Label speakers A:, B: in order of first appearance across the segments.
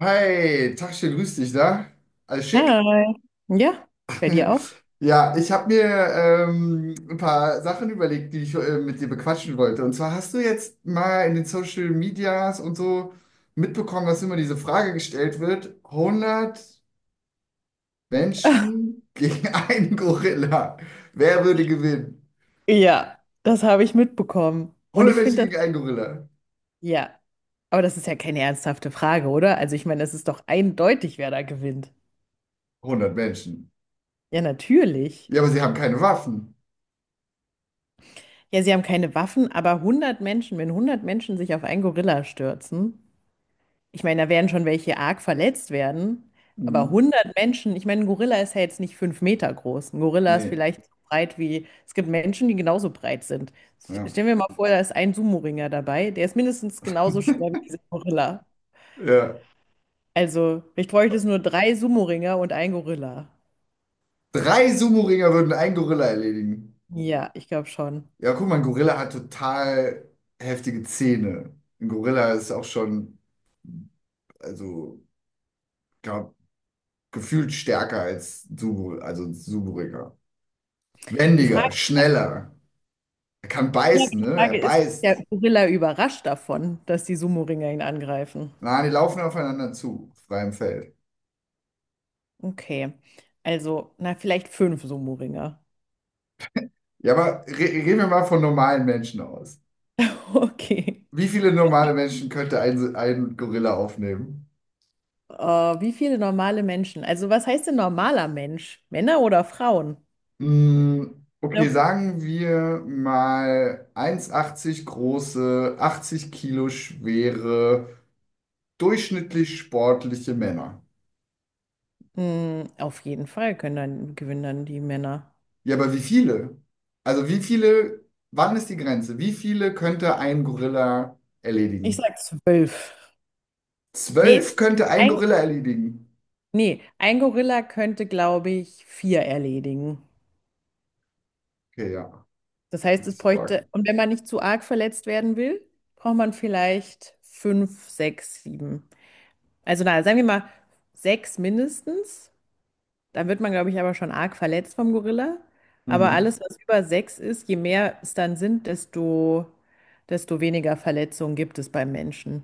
A: Hi, Tachchen, grüß dich, da? Alles schick?
B: Hi. Ja, bei dir auch?
A: Ja, ich habe mir ein paar Sachen überlegt, die ich mit dir bequatschen wollte. Und zwar hast du jetzt mal in den Social Medias und so mitbekommen, dass immer diese Frage gestellt wird: 100 Menschen gegen einen Gorilla. Wer würde gewinnen?
B: Ja, das habe ich mitbekommen. Und
A: 100
B: ich
A: Menschen
B: finde
A: gegen einen
B: das,
A: Gorilla.
B: ja, aber das ist ja keine ernsthafte Frage, oder? Also ich meine, es ist doch eindeutig, wer da gewinnt.
A: 100 Menschen.
B: Ja, natürlich.
A: Ja, aber sie haben keine Waffen.
B: Ja, sie haben keine Waffen, aber 100 Menschen, wenn 100 Menschen sich auf einen Gorilla stürzen, ich meine, da werden schon welche arg verletzt werden, aber
A: Mhm.
B: 100 Menschen, ich meine, ein Gorilla ist ja jetzt nicht 5 Meter groß. Ein Gorilla ist
A: Nee,
B: vielleicht so breit wie, es gibt Menschen, die genauso breit sind.
A: ja.
B: Stellen wir mal vor, da ist ein Sumo-Ringer dabei, der ist mindestens genauso schwer wie dieser Gorilla.
A: Ja.
B: Also, ich bräuchte es nur drei Sumo-Ringer und ein Gorilla.
A: Drei Sumo-Ringer würden einen Gorilla erledigen.
B: Ja, ich glaube schon.
A: Ja, guck mal, ein Gorilla hat total heftige Zähne. Ein Gorilla ist auch schon, also, glaub, gefühlt stärker als Subu, also ein Suburiger.
B: Die Frage,
A: Wendiger, schneller. Er kann
B: ja,
A: beißen,
B: die
A: ne? Er
B: Frage ist, ist der
A: beißt.
B: Gorilla überrascht davon, dass die Sumo-Ringer ihn angreifen?
A: Na, die laufen aufeinander zu, auf freiem Feld.
B: Okay, also, na, vielleicht fünf Sumo-Ringer.
A: Ja, aber re reden wir mal von normalen Menschen aus.
B: Okay.
A: Wie viele normale Menschen könnte ein Gorilla aufnehmen?
B: Äh, Wie viele normale Menschen? Also, was heißt denn normaler Mensch? Männer oder Frauen?
A: Okay,
B: Ja.
A: sagen wir mal 1,80 große, 80 Kilo schwere, durchschnittlich sportliche Männer.
B: Hm, auf jeden Fall können dann, gewinnen dann die Männer.
A: Ja, aber wie viele? Also wie viele, wann ist die Grenze? Wie viele könnte ein Gorilla
B: Ich
A: erledigen?
B: sag 12. Nee,
A: 12 könnte ein
B: ein,
A: Gorilla erledigen.
B: nee, ein Gorilla könnte, glaube ich, vier erledigen.
A: Okay, ja,
B: Das
A: das
B: heißt, es
A: ist arg.
B: bräuchte, und wenn man nicht zu arg verletzt werden will, braucht man vielleicht fünf, sechs, sieben. Also, na, sagen wir mal sechs mindestens. Dann wird man, glaube ich, aber schon arg verletzt vom Gorilla. Aber
A: Mhm.
B: alles, was über sechs ist, je mehr es dann sind, desto, desto weniger Verletzungen gibt es beim Menschen.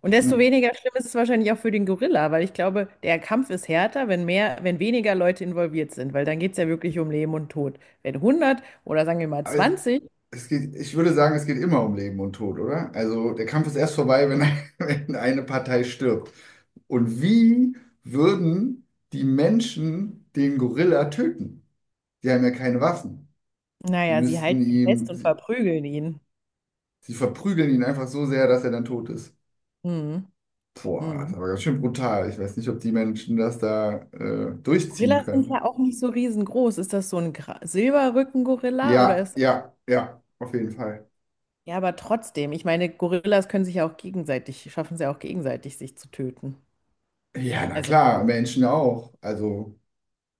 B: Und desto
A: Ja.
B: weniger schlimm ist es wahrscheinlich auch für den Gorilla, weil ich glaube, der Kampf ist härter, wenn mehr, wenn weniger Leute involviert sind, weil dann geht es ja wirklich um Leben und Tod. Wenn hundert oder sagen wir mal
A: Aber es,
B: 20,
A: es geht, ich würde sagen, es geht immer um Leben und Tod, oder? Also der Kampf ist erst vorbei, wenn, wenn eine Partei stirbt. Und wie würden die Menschen den Gorilla töten? Die haben ja keine Waffen. Sie
B: naja, sie
A: müssten
B: halten ihn fest
A: ihm,
B: und
A: sie,
B: verprügeln ihn.
A: sie verprügeln ihn einfach so sehr, dass er dann tot ist.
B: Mhm.
A: Boah, das ist
B: Mhm.
A: aber ganz schön brutal. Ich weiß nicht, ob die Menschen das da durchziehen
B: Gorillas sind
A: können.
B: ja auch nicht so riesengroß. Ist das so ein Silberrücken-Gorilla oder
A: Ja,
B: ist,
A: ja, ja, auf jeden Fall.
B: ja, aber trotzdem, ich meine, Gorillas können sich ja auch gegenseitig, schaffen es ja auch gegenseitig, sich zu töten.
A: Ja, na
B: Also,
A: klar, Menschen auch. Also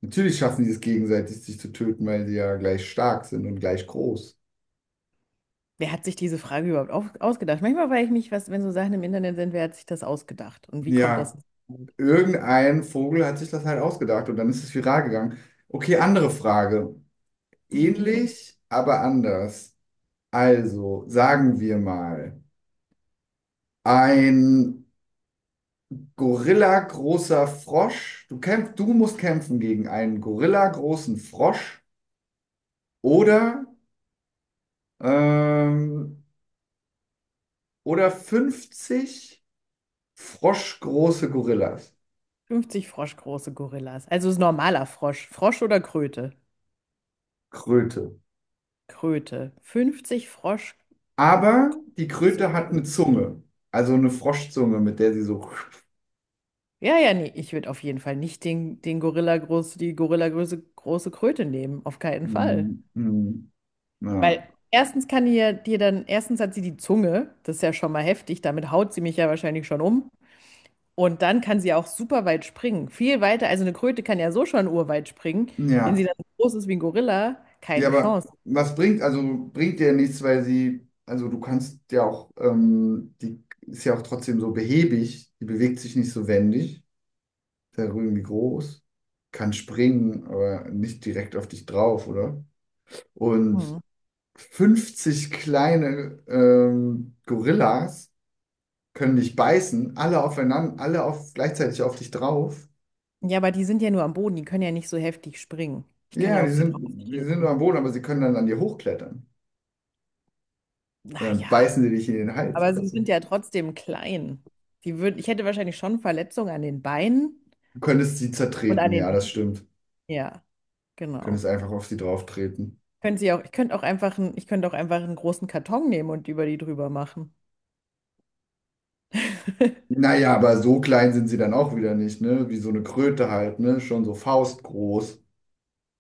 A: natürlich schaffen die es gegenseitig, sich zu töten, weil sie ja gleich stark sind und gleich groß.
B: wer hat sich diese Frage überhaupt ausgedacht? Manchmal frage ich mich, was, wenn so Sachen im Internet sind, wer hat sich das ausgedacht? Und wie kommt das?
A: Ja, irgendein Vogel hat sich das halt ausgedacht und dann ist es viral gegangen. Okay, andere Frage. Ähnlich, aber anders. Also, sagen wir mal, ein Gorilla-großer Frosch. Du musst kämpfen gegen einen Gorilla-großen Frosch oder, ähm, oder 50 froschgroße Gorillas.
B: 50 froschgroße Gorillas. Also ist normaler Frosch. Frosch oder Kröte?
A: Kröte.
B: Kröte. 50 Frosch.
A: Aber die
B: Große.
A: Kröte hat eine Zunge. Also eine Froschzunge, mit der sie so.
B: Ja, ja, nee, ich würde auf jeden Fall nicht den Gorilla groß, die Gorilla große, große Kröte nehmen. Auf keinen Fall.
A: Mhm. Mhm.
B: Weil
A: Ja.
B: erstens kann ihr dir dann, erstens hat sie die Zunge, das ist ja schon mal heftig, damit haut sie mich ja wahrscheinlich schon um. Und dann kann sie auch super weit springen. Viel weiter, also eine Kröte kann ja so schon urweit springen. Wenn sie
A: Ja.
B: dann so groß ist wie ein Gorilla,
A: Ja,
B: keine
A: aber
B: Chance.
A: was bringt, also bringt dir ja nichts, weil sie, also du kannst ja auch, die ist ja auch trotzdem so behäbig, die bewegt sich nicht so wendig, ist ja irgendwie groß, kann springen, aber nicht direkt auf dich drauf, oder? Und
B: Hm.
A: 50 kleine Gorillas können dich beißen, alle aufeinander, alle auf, gleichzeitig auf dich drauf.
B: Ja, aber die sind ja nur am Boden, die können ja nicht so heftig springen. Ich kann
A: Ja,
B: ja
A: die
B: auf sie
A: sind, die sind
B: drauftreten.
A: am Boden, aber sie können dann an dir hochklettern. Und dann
B: Naja,
A: beißen sie dich in den Hals
B: aber
A: oder
B: sie sind
A: so.
B: ja trotzdem klein. Die würden, ich hätte wahrscheinlich schon Verletzungen an den Beinen
A: Du könntest sie
B: und an
A: zertreten,
B: den
A: ja, das
B: Händen.
A: stimmt. Du
B: Ja, genau.
A: könntest einfach auf sie drauftreten.
B: Können Sie auch, ich könnte auch einfach einen, ich könnte auch einfach einen großen Karton nehmen und über die drüber machen.
A: Naja, aber so klein sind sie dann auch wieder nicht, ne? Wie so eine Kröte halt, ne? Schon so faustgroß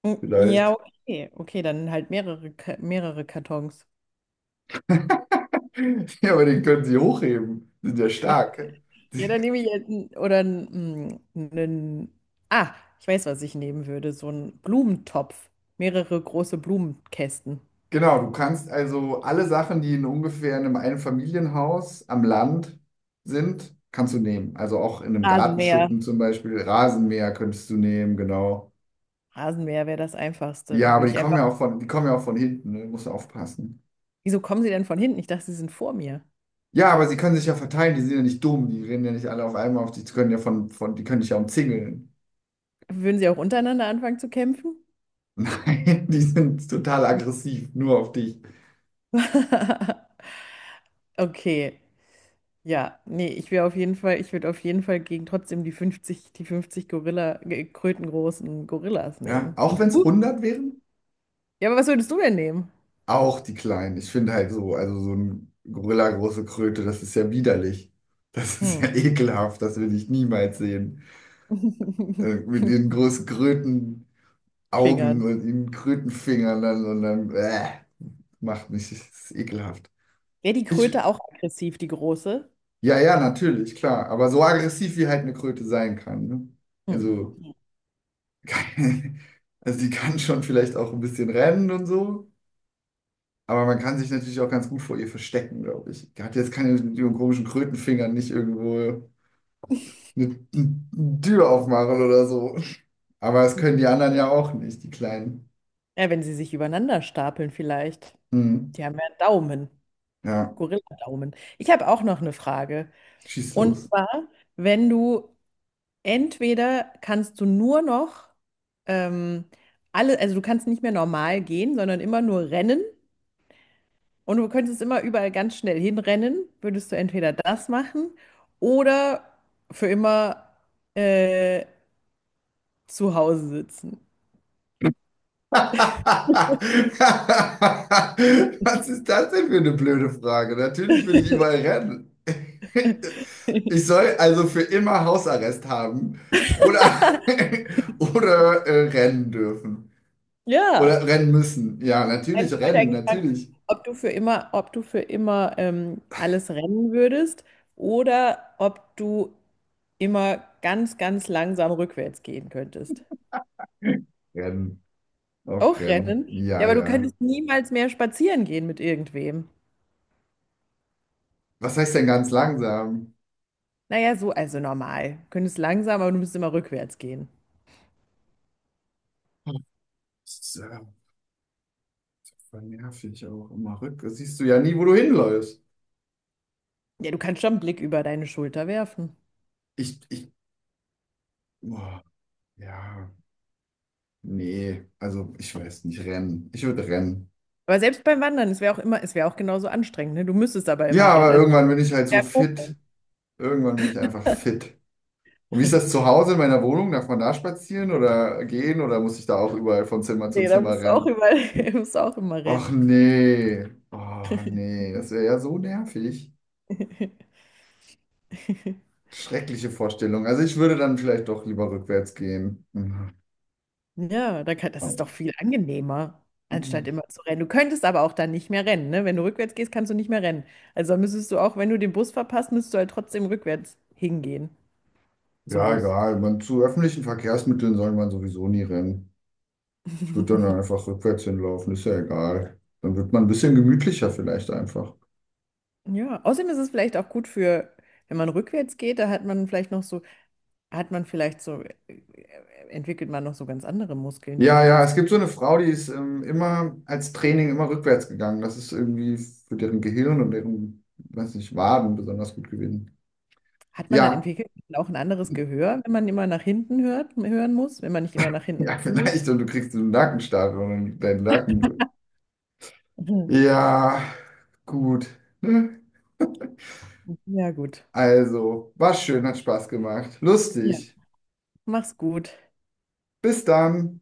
B: Mm, ja,
A: vielleicht.
B: okay. Okay, dann halt mehrere, mehrere Kartons.
A: Ja, aber den können sie hochheben. Sind ja stark.
B: Ja, dann nehme ich jetzt oder einen. Ah, ich weiß, was ich nehmen würde. So einen Blumentopf. Mehrere große Blumenkästen.
A: Genau, du kannst also alle Sachen, die in ungefähr einem Einfamilienhaus am Land sind, kannst du nehmen. Also auch in einem
B: Rasenmäher.
A: Gartenschuppen zum Beispiel, Rasenmäher könntest du nehmen, genau.
B: Rasenmäher wäre das Einfachste.
A: Ja, aber
B: Würde ich einfach.
A: die kommen ja auch von hinten, ne? Musst du aufpassen.
B: Wieso kommen Sie denn von hinten? Ich dachte, Sie sind vor mir.
A: Ja, aber sie können sich ja verteilen, die sind ja nicht dumm, die rennen ja nicht alle auf einmal auf dich, die können ja die können dich ja umzingeln.
B: Würden Sie auch untereinander anfangen zu kämpfen?
A: Nein, die sind total aggressiv, nur auf dich.
B: Okay. Ja, nee, ich wäre auf jeden Fall, ich würde auf jeden Fall gegen trotzdem die 50, die 50 Gorilla, krötengroßen Gorillas
A: Ja,
B: nehmen.
A: auch
B: Und
A: wenn es
B: du?
A: 100 wären,
B: Ja, aber was würdest du denn nehmen?
A: auch die Kleinen. Ich finde halt so, also so ein Gorilla große Kröte, das ist ja widerlich. Das ist
B: Hm.
A: ja ekelhaft, das will ich niemals sehen. Mit ihren großen Krötenaugen und
B: Fingern.
A: ihren Krötenfingern dann und dann, macht mich, das ist ekelhaft.
B: Wäre die
A: Ich,
B: Kröte auch aggressiv, die große?
A: Ja, ja, natürlich, klar. Aber so aggressiv wie halt eine Kröte sein kann. Ne?
B: Hm.
A: Also, also die kann schon vielleicht auch ein bisschen rennen und so. Aber man kann sich natürlich auch ganz gut vor ihr verstecken, glaube ich. Die hat jetzt keine mit ihren komischen Krötenfingern nicht irgendwo eine Tür aufmachen oder so. Aber das können die anderen ja auch nicht, die Kleinen.
B: Ja, wenn sie sich übereinander stapeln vielleicht.
A: Hm.
B: Die haben ja einen Daumen.
A: Ja,
B: Gorilla-Daumen. Ich habe auch noch eine Frage.
A: schieß
B: Und
A: los.
B: zwar, wenn du entweder kannst du nur noch ähm, alle, also du kannst nicht mehr normal gehen, sondern immer nur rennen. Und du könntest immer überall ganz schnell hinrennen, würdest du entweder das machen oder für immer äh, zu Hause sitzen.
A: Was ist das denn für eine blöde Frage? Natürlich will ich überall rennen. Ich soll also für immer Hausarrest haben oder, oder rennen dürfen.
B: Ja,
A: Oder rennen müssen. Ja,
B: nein,
A: natürlich
B: ich wollte
A: rennen,
B: eigentlich fragen,
A: natürlich.
B: ob du für immer alles rennen würdest oder ob du immer ganz, ganz langsam rückwärts gehen könntest.
A: Rennen. Auch
B: Auch
A: rennen.
B: rennen? Ja,
A: Ja,
B: aber du
A: ja.
B: könntest niemals mehr spazieren gehen mit irgendwem.
A: Was heißt denn ganz langsam?
B: Naja, so, also normal. Du könntest langsam, aber du müsstest immer rückwärts gehen.
A: Ist ja voll nervig auch immer rück. Das siehst du ja nie, wo du hinläufst.
B: Ja, du kannst schon einen Blick über deine Schulter werfen.
A: Ich, boah, ja. Nee, also ich weiß nicht, rennen. Ich würde rennen.
B: Aber selbst beim Wandern, es wäre auch immer, es wäre auch genauso anstrengend, ne? Du müsstest aber
A: Ja,
B: immer rennen.
A: aber
B: Also
A: irgendwann bin ich halt so
B: ja,
A: fit.
B: hochrennen.
A: Irgendwann bin ich einfach fit. Und wie ist das zu Hause in meiner Wohnung? Darf man da spazieren oder gehen oder muss ich da auch überall von Zimmer zu
B: Nee, da
A: Zimmer
B: musst du auch
A: rennen?
B: immer, musst du auch immer
A: Och
B: rennen.
A: nee. Oh nee, das wäre ja so nervig. Schreckliche Vorstellung. Also ich würde dann vielleicht doch lieber rückwärts gehen. Mhm.
B: Ja, da kann, das ist doch viel angenehmer, anstatt immer zu rennen. Du könntest aber auch dann nicht mehr rennen, ne? Wenn du rückwärts gehst, kannst du nicht mehr rennen. Also müsstest du auch, wenn du den Bus verpasst, müsstest du halt trotzdem rückwärts hingehen zum
A: Ja,
B: Bus.
A: egal. Man, zu öffentlichen Verkehrsmitteln soll man sowieso nie rennen. Ich würde dann einfach rückwärts hinlaufen, ist ja egal. Dann wird man ein bisschen gemütlicher vielleicht einfach.
B: Ja, außerdem ist es vielleicht auch gut für, wenn man rückwärts geht, da hat man vielleicht noch so, hat man vielleicht so, entwickelt man noch so ganz andere Muskeln, die
A: Ja,
B: man
A: ja,
B: sonst,
A: es gibt so eine Frau, die ist immer als Training immer rückwärts gegangen. Das ist irgendwie für deren Gehirn und deren, weiß nicht, Waden besonders gut gewesen.
B: hat man dann
A: Ja,
B: entwickelt auch ein anderes Gehör, wenn man immer nach hinten hört, hören muss, wenn man nicht immer nach hinten
A: ja,
B: schauen will?
A: vielleicht. Und du kriegst so einen Nackenstarre und deinen Nacken.
B: Mhm.
A: Ja, gut. Ne?
B: Ja, gut.
A: Also, war schön, hat Spaß gemacht.
B: Ja.
A: Lustig.
B: Mach's gut.
A: Bis dann.